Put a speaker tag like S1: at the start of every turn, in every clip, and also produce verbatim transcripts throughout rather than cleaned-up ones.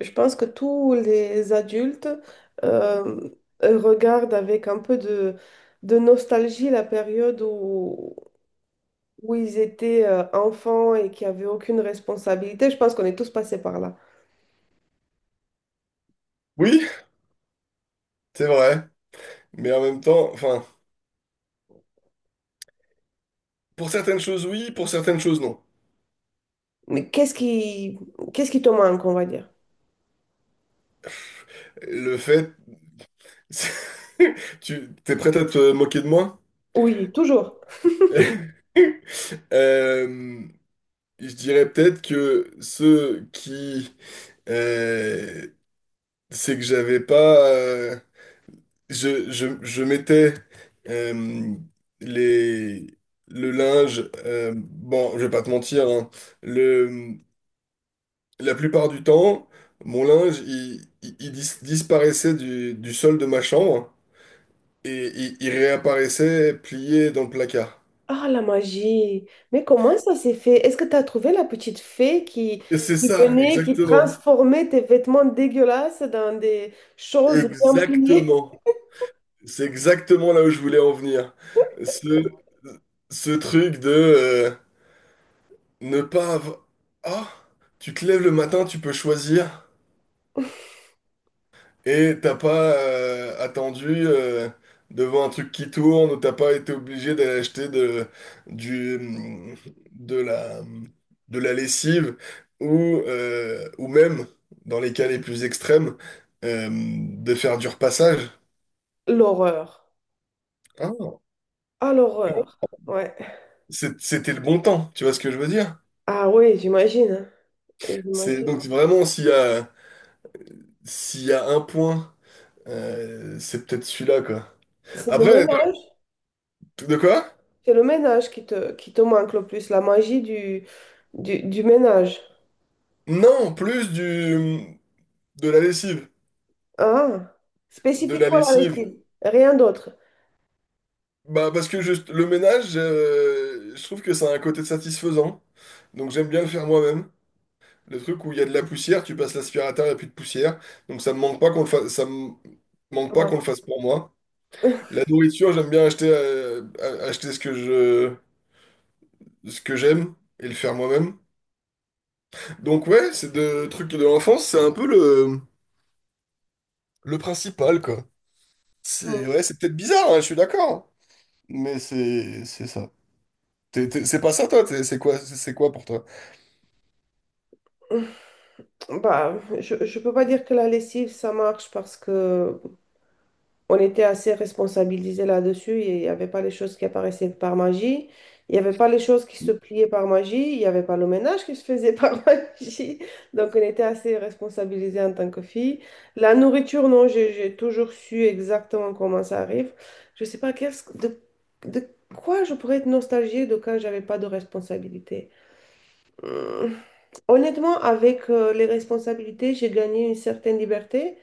S1: Je pense que tous les adultes euh, regardent avec un peu de, de nostalgie la période où, où ils étaient euh, enfants et qui n'avaient aucune responsabilité. Je pense qu'on est tous passés par là.
S2: Oui, c'est vrai. Mais en même temps, enfin, pour certaines choses, oui, pour certaines choses, non.
S1: Mais qu'est-ce qui, qu'est-ce qui te manque, on va dire?
S2: Le fait. Tu t'es prête à te moquer de moi?
S1: Oui, toujours.
S2: Euh, je dirais peut-être que ce qui... euh, c'est que j'avais pas... euh, je, je, je mettais euh, les. Le linge, euh, bon, je vais pas te mentir, hein, le, la plupart du temps, mon linge, il, il- il dis- disparaissait du, du sol de ma chambre et il, il réapparaissait plié dans le placard.
S1: Ah, la magie. Mais comment ça s'est fait? Est-ce que tu as trouvé la petite fée qui,
S2: Et c'est
S1: qui
S2: ça,
S1: venait, qui
S2: exactement.
S1: transformait tes vêtements dégueulasses dans des choses bien pliées?
S2: Exactement. C'est exactement là où je voulais en venir. Ce, ce truc de euh, ne pas avoir. Ah, tu te lèves le matin, tu peux choisir. Et t'as pas euh, attendu euh, devant un truc qui tourne ou t'as pas été obligé d'aller acheter de, du, mm, de la, de la lessive ou, euh, ou même, dans les cas les plus extrêmes, euh, de faire du repassage.
S1: L'horreur.
S2: Ah,
S1: Ah, l'horreur. Ouais.
S2: C'est- c'était le bon temps, tu vois ce que je veux dire?
S1: Ah oui, j'imagine, hein.
S2: C'est
S1: J'imagine.
S2: donc vraiment s'il y a, s'il y a un point, euh, c'est peut-être celui-là quoi.
S1: C'est le
S2: Après,
S1: ménage.
S2: dans- de quoi?
S1: C'est le ménage qui te, qui te manque le plus, la magie du, du, du ménage.
S2: Non, plus du de la lessive.
S1: Ah,
S2: De la
S1: spécifiquement la
S2: lessive.
S1: lessive. Rien d'autre.
S2: Bah parce que juste le ménage, euh, je trouve que ça a un côté satisfaisant. Donc j'aime bien le faire moi-même. Le truc où il y a de la poussière, tu passes l'aspirateur, il n'y a plus de poussière. Donc ça me manque pas qu'on le fasse, ça me manque
S1: Ah,
S2: pas qu'on
S1: parce-
S2: le fasse pour moi. La nourriture, j'aime bien acheter, euh, a- acheter ce que je, ce que j'aime et le faire moi-même. Donc ouais, c'est de trucs de l'enfance, c'est un peu le, le principal quoi. C'est ouais, c'est peut-être bizarre, hein, je suis d'accord. Mais c'est c'est ça. T'es- t'es- c'est pas ça toi, t'es- c'est quoi, c'est c'est quoi pour toi?
S1: Bah, je ne peux pas dire que la lessive, ça marche parce que on était assez responsabilisés là-dessus. Il n'y avait pas les choses qui apparaissaient par magie. Il n'y avait pas les choses qui se pliaient par magie. Il n'y avait pas le ménage qui se faisait par magie. Donc, on était assez responsabilisés en tant que filles. La nourriture, non, j'ai j'ai toujours su exactement comment ça arrive. Je ne sais pas qu'est-ce que- de, de quoi je pourrais être nostalgique de quand j'avais pas de responsabilité. Hmm. Honnêtement, avec euh, les responsabilités, j'ai gagné une certaine liberté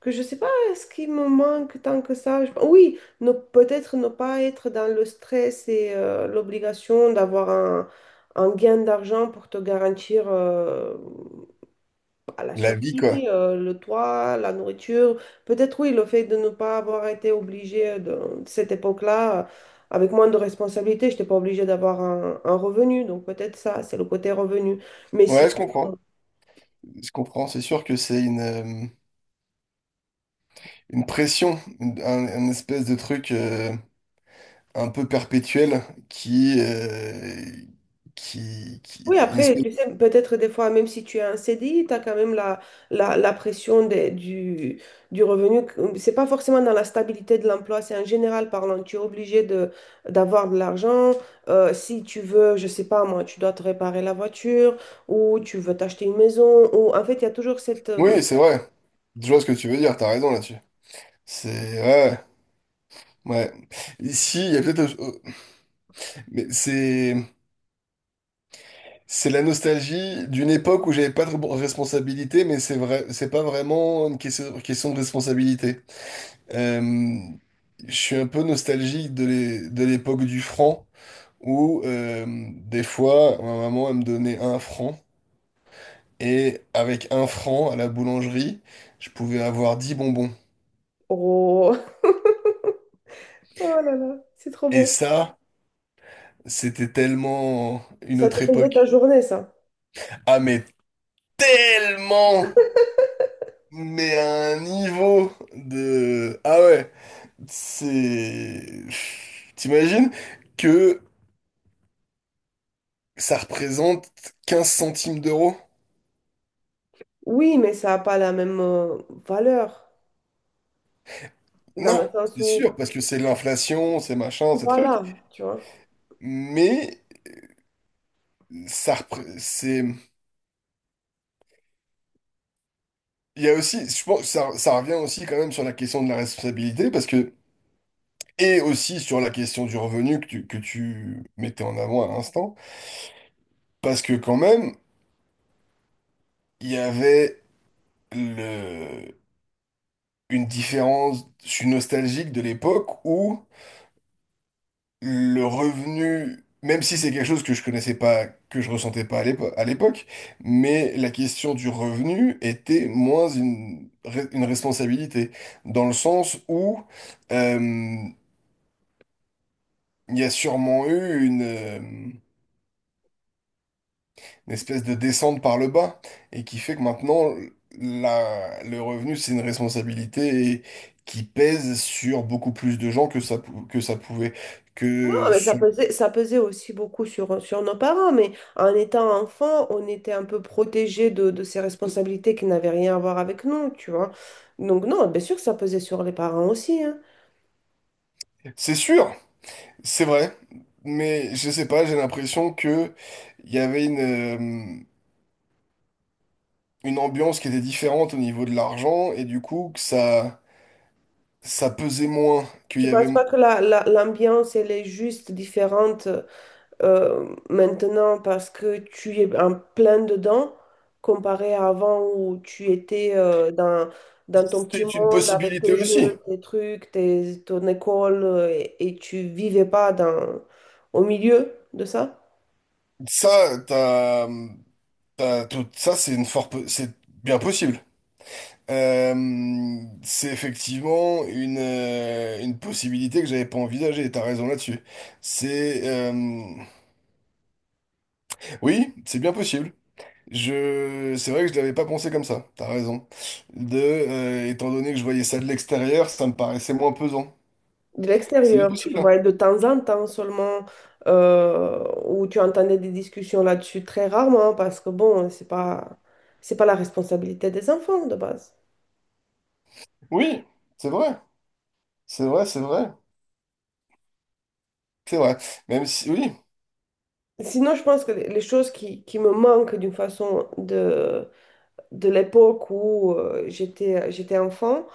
S1: que je ne sais pas ce qui me manque tant que ça. Je- Oui, ne- peut-être ne pas être dans le stress et euh, l'obligation d'avoir un, un gain d'argent pour te garantir euh, à la
S2: La vie,
S1: survie,
S2: quoi.
S1: euh, le toit, la nourriture. Peut-être oui, le fait de ne pas avoir été obligé de, de cette époque-là, euh, avec moins de responsabilités, je n'étais pas obligé d'avoir un, un revenu. Donc peut-être ça, c'est le côté revenu. Mais si
S2: Ouais, je comprends. Je comprends. C'est sûr que c'est une, euh, une pression, une- un, un espèce de truc euh, un peu perpétuel qui, euh, qui, qui-
S1: oui,
S2: une
S1: après,
S2: espèce...
S1: tu sais, peut-être des fois, même si tu as un C D I, tu as quand même la, la, la pression des- du, du revenu. C'est pas forcément dans la stabilité de l'emploi, c'est en général parlant. Tu es obligé de, d'avoir de l'argent. Euh, si tu veux, je sais pas moi, tu dois te réparer la voiture ou tu veux t'acheter une maison. Ou... En fait, il y a toujours cette...
S2: Oui,
S1: euh,
S2: c'est vrai. Je vois ce que tu veux dire. T'as raison là-dessus. C'est... Ouais, ouais. Ici, il y a peut-être... euh, Mais c'est... C'est la nostalgie d'une époque où j'avais pas de responsabilité, mais c'est vrai, c'est pas vraiment une question, question de responsabilité. Euh, je suis un peu nostalgique de l'é- de l'époque du franc, où euh, des fois, ma maman, elle me donnait un franc, et avec un franc à la boulangerie, je pouvais avoir dix bonbons.
S1: Oh, oh là là, c'est trop
S2: Et
S1: beau.
S2: ça, c'était tellement une
S1: Ça te
S2: autre
S1: faisait ta
S2: époque.
S1: journée, ça.
S2: Ah, mais tellement! Mais à un niveau de... Ah ouais, c'est... t'imagines que ça représente quinze centimes d'euros?
S1: Oui, mais ça n'a pas la même euh, valeur, dans
S2: Non,
S1: le sens
S2: c'est
S1: où,
S2: sûr, parce que c'est l'inflation, c'est machin, ces trucs.
S1: voilà, tu vois.
S2: Mais ça, repré- c'est, il y a aussi, je pense, que ça, ça revient aussi quand même sur la question de la responsabilité, parce que et aussi sur la question du revenu que tu, que tu mettais en avant à l'instant, parce que quand même, il y avait le, une différence, je suis nostalgique de l'époque où le revenu, même si c'est quelque chose que je connaissais pas, que je ressentais pas à l'épo- à l'époque, mais la question du revenu était moins une, re- une responsabilité, dans le sens où euh, il y a sûrement eu une, euh, une espèce de descente par le bas, et qui fait que maintenant, la- le revenu, c'est une responsabilité qui pèse sur beaucoup plus de gens que ça, pou- que ça pouvait.
S1: Non,
S2: Que
S1: mais ça
S2: sur-
S1: pesait, ça pesait aussi beaucoup sur, sur nos parents, mais en étant enfant, on était un peu protégés de, de ces responsabilités qui n'avaient rien à voir avec nous, tu vois. Donc non, bien sûr que ça pesait sur les parents aussi, hein.
S2: C'est sûr, c'est vrai, mais je sais pas, j'ai l'impression que il y avait une, euh, une ambiance qui était différente au niveau de l'argent et du coup que ça ça pesait moins, qu'il
S1: Tu
S2: y avait.
S1: penses pas que la, la- l'ambiance, elle est juste différente euh, maintenant parce que tu es en plein dedans comparé à avant où tu étais euh, dans, dans ton petit
S2: C'est une
S1: monde avec
S2: possibilité
S1: tes
S2: aussi.
S1: jeux, tes trucs, tes, ton école euh, et, et tu vivais pas dans, au milieu de ça,
S2: Ça t'as t'as tout ça c'est une fort po- c'est bien possible. Euh, c'est effectivement une, euh, une possibilité que j'avais pas envisagée, t'as raison là-dessus. C'est euh, oui, c'est bien possible. Je, c'est vrai que je l'avais pas pensé comme ça. T'as raison. De, euh, étant donné que je voyais ça de l'extérieur, ça me paraissait moins pesant.
S1: de
S2: C'est bien
S1: l'extérieur. Tu le
S2: possible, hein.
S1: voyais de temps en temps seulement euh, où tu entendais des discussions là-dessus très rarement parce que bon, c'est pas, c'est pas la responsabilité des enfants de base.
S2: Oui, c'est vrai. C'est vrai, c'est vrai. C'est vrai. Même si, oui,
S1: Sinon, je pense que les les choses qui, qui me manquent d'une façon de, de l'époque où euh, j'étais, j'étais enfant,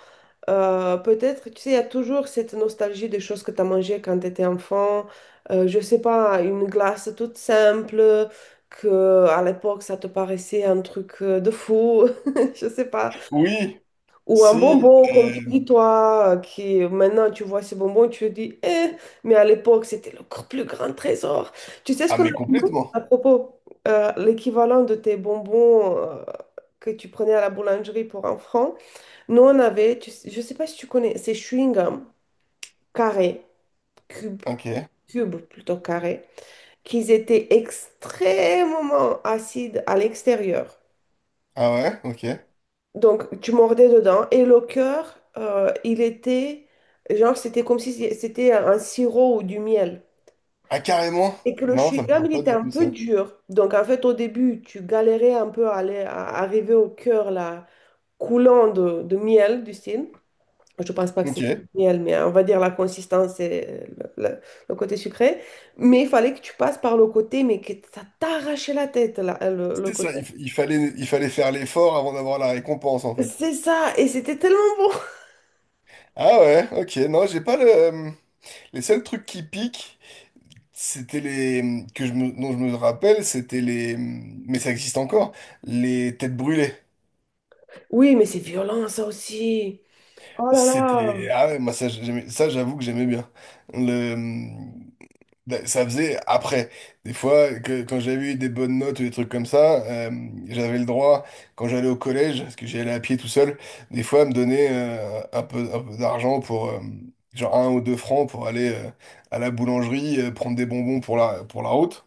S1: euh, peut-être, tu sais, il y a toujours cette nostalgie des choses que tu as mangées quand tu étais enfant. Euh, je sais pas, une glace toute simple, que à l'époque, ça te paraissait un truc euh, de fou. Je sais pas.
S2: oui,
S1: Ou un
S2: si.
S1: bonbon, comme tu
S2: euh,
S1: dis, toi, qui maintenant tu vois ce bonbon, tu te dis, eh, mais à l'époque, c'était le gr- plus grand trésor. Tu sais ce
S2: Ah,
S1: qu'on a
S2: mais
S1: dit, nous, à
S2: complètement.
S1: propos, euh, l'équivalent de tes bonbons euh, que tu prenais à la boulangerie pour un franc. Nous, on avait, tu sais- je ne sais pas si tu connais, ces chewing-gums carrés, cubes,
S2: Ok.
S1: cubes plutôt carrés, qui étaient extrêmement acides à l'extérieur.
S2: Ah ouais, ok.
S1: Donc, tu mordais dedans et le cœur, euh, il était, genre, c'était comme si c'était un sirop ou du miel.
S2: Ah, carrément.
S1: Et que le
S2: Non, ça me
S1: chewing-gum,
S2: parle
S1: il
S2: pas
S1: était
S2: du
S1: un
S2: tout
S1: peu
S2: ça.
S1: dur. Donc, en fait, au début, tu galérais un peu à, aller, à arriver au cœur, là, coulant de, de miel, du style. Je pense pas que c'était du
S2: Ok.
S1: miel, mais euh, on va dire la consistance et euh, le, le- le côté sucré. Mais il fallait que tu passes par le côté, mais que ça t'arrachait la tête, là, le, le
S2: C'était
S1: côté.
S2: ça. Il, f- il fallait, il fallait faire l'effort avant d'avoir la récompense, en fait.
S1: C'est ça, et c'était tellement bon.
S2: Ah ouais, ok. Non, j'ai pas le. euh, Les seuls trucs qui piquent. C'était les, que je me... dont je me rappelle, c'était les. Mais ça existe encore, les têtes brûlées.
S1: Oui, mais c'est violent, ça aussi. Oh là
S2: C'était.
S1: là!
S2: Ah ouais, moi ça, j'aimais- ça j'avoue que j'aimais bien. Le. Ben, ça faisait après. Des fois, que- quand j'avais eu des bonnes notes ou des trucs comme ça, euh, j'avais le droit, quand j'allais au collège, parce que j'y allais à pied tout seul, des fois à me donner euh, un peu, un peu d'argent pour. euh, genre un ou deux francs pour aller euh, à la boulangerie, euh, prendre des bonbons pour la, pour la route.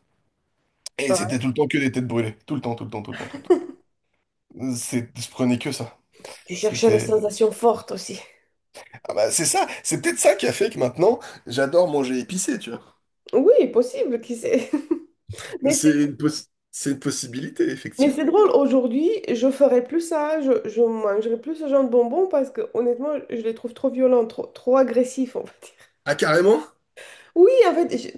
S2: Et
S1: Ah,
S2: c'était tout le temps que des têtes brûlées. Tout le temps, tout le temps, tout le temps, tout le temps. C'est, je prenais que ça.
S1: tu cherchais les
S2: C'était.
S1: sensations fortes aussi.
S2: Ah bah c'est ça, c'est peut-être ça qui a fait que maintenant, j'adore manger épicé, tu vois.
S1: Oui, possible, qui sait. Mais c'est
S2: C'est une, poss- c'est une possibilité,
S1: mais c'est
S2: effectivement.
S1: drôle, aujourd'hui, je ferais plus ça, je, je mangerais plus ce genre de bonbons parce que honnêtement, je les trouve trop violents, trop, trop agressifs en fait.
S2: Ah, carrément?
S1: Oui, en fait, je-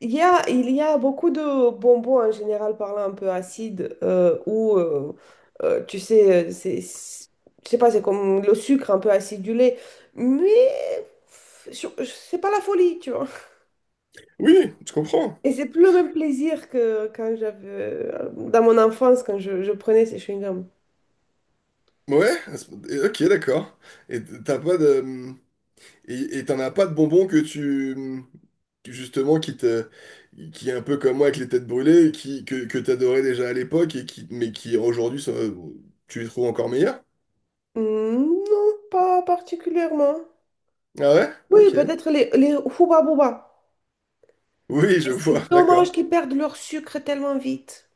S1: il y a, il y a beaucoup de bonbons en général parlant un peu acides euh, ou, euh, euh, tu sais, euh, c'est, c'est- je sais pas, c'est comme le sucre un peu acidulé, mais c'est pas la folie, tu vois.
S2: Oui, je comprends.
S1: Et c'est plus le même plaisir que quand j'avais, euh, dans mon enfance, quand je, je prenais ces chewing-gums.
S2: Ouais, et- ok, d'accord. Et t'as pas de. Et et t'en as pas de bonbons que tu. Que justement, qui te. Qui est un peu comme moi avec les têtes brûlées, qui. que, que t'adorais déjà à l'époque, et qui. Mais qui aujourd'hui, ça. Tu les trouves encore meilleurs?
S1: Hmm, non, pas particulièrement.
S2: Ah ouais?
S1: Oui,
S2: Ok.
S1: peut-être les, les Hubba Bubba.
S2: Oui, je vois,
S1: C'est dommage
S2: d'accord.
S1: qu'ils perdent leur sucre tellement vite.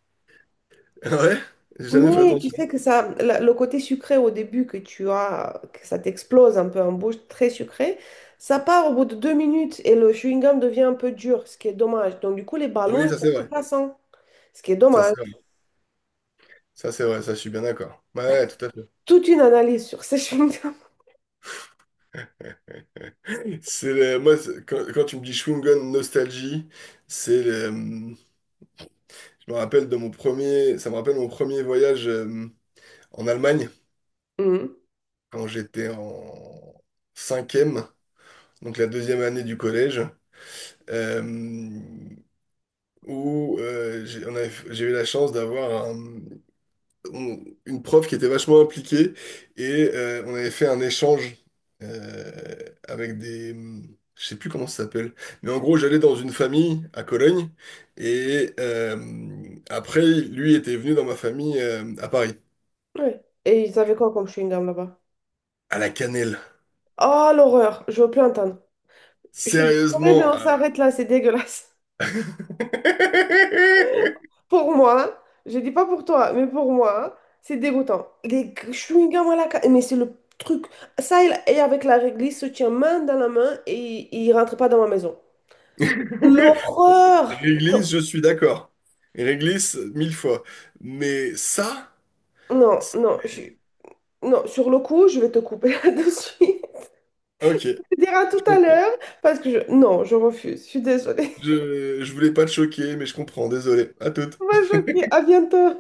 S2: Ah ouais, j'ai jamais fait
S1: Oui, tu
S2: attention.
S1: sais que ça, la- le côté sucré au début que tu as, que ça t'explose un peu en bouche, très sucré, ça part au bout de deux minutes et le chewing-gum devient un peu dur, ce qui est dommage. Donc du coup, les ballons,
S2: Oui,
S1: ils
S2: ça
S1: sont
S2: c'est
S1: plus
S2: vrai.
S1: passants, ce qui est
S2: Ça
S1: dommage.
S2: c'est vrai. Ça c'est vrai, ça je suis bien d'accord. Ouais, ouais, tout à fait.
S1: Toute une analyse sur ces chewing-gums.
S2: C'est le- moi c'est- quand, quand tu me dis Schwingen nostalgie, c'est le- je me rappelle de mon premier ça me rappelle mon premier voyage euh, en Allemagne
S1: Mm.
S2: quand j'étais en cinquième, donc la deuxième année du collège, euh, où euh, j'ai on avait- j'ai eu la chance d'avoir un on- une prof qui était vachement impliquée et euh, on avait fait un échange euh, avec des. Je sais plus comment ça s'appelle. Mais en gros, j'allais dans une famille à Cologne et euh, après, lui était venu dans ma famille euh, à Paris,
S1: Ouais. Et ils avaient quoi comme chewing-gum là-bas?
S2: à la cannelle.
S1: Oh l'horreur, je veux plus entendre. Je suis désolée, mais
S2: Sérieusement.
S1: on
S2: À-
S1: s'arrête là, c'est dégueulasse. Pour moi, je dis pas pour toi, mais pour moi, c'est dégoûtant. Les chewing-gums à la ca- mais c'est le truc. Ça, il- et avec la réglisse, se tient main dans la main et il rentre pas dans ma maison. L'horreur!
S2: Réglisse, je suis d'accord. Réglisse, mille fois. Mais ça.
S1: Non, non, je... suis- non, sur le coup, je vais te couper là-dessus.
S2: Ok,
S1: Tu
S2: je
S1: diras tout à
S2: comprends.
S1: l'heure parce que je... Non, je refuse, je suis désolée.
S2: Je, je voulais pas te choquer, mais je comprends, désolé. À toute.
S1: On va choquer, à bientôt.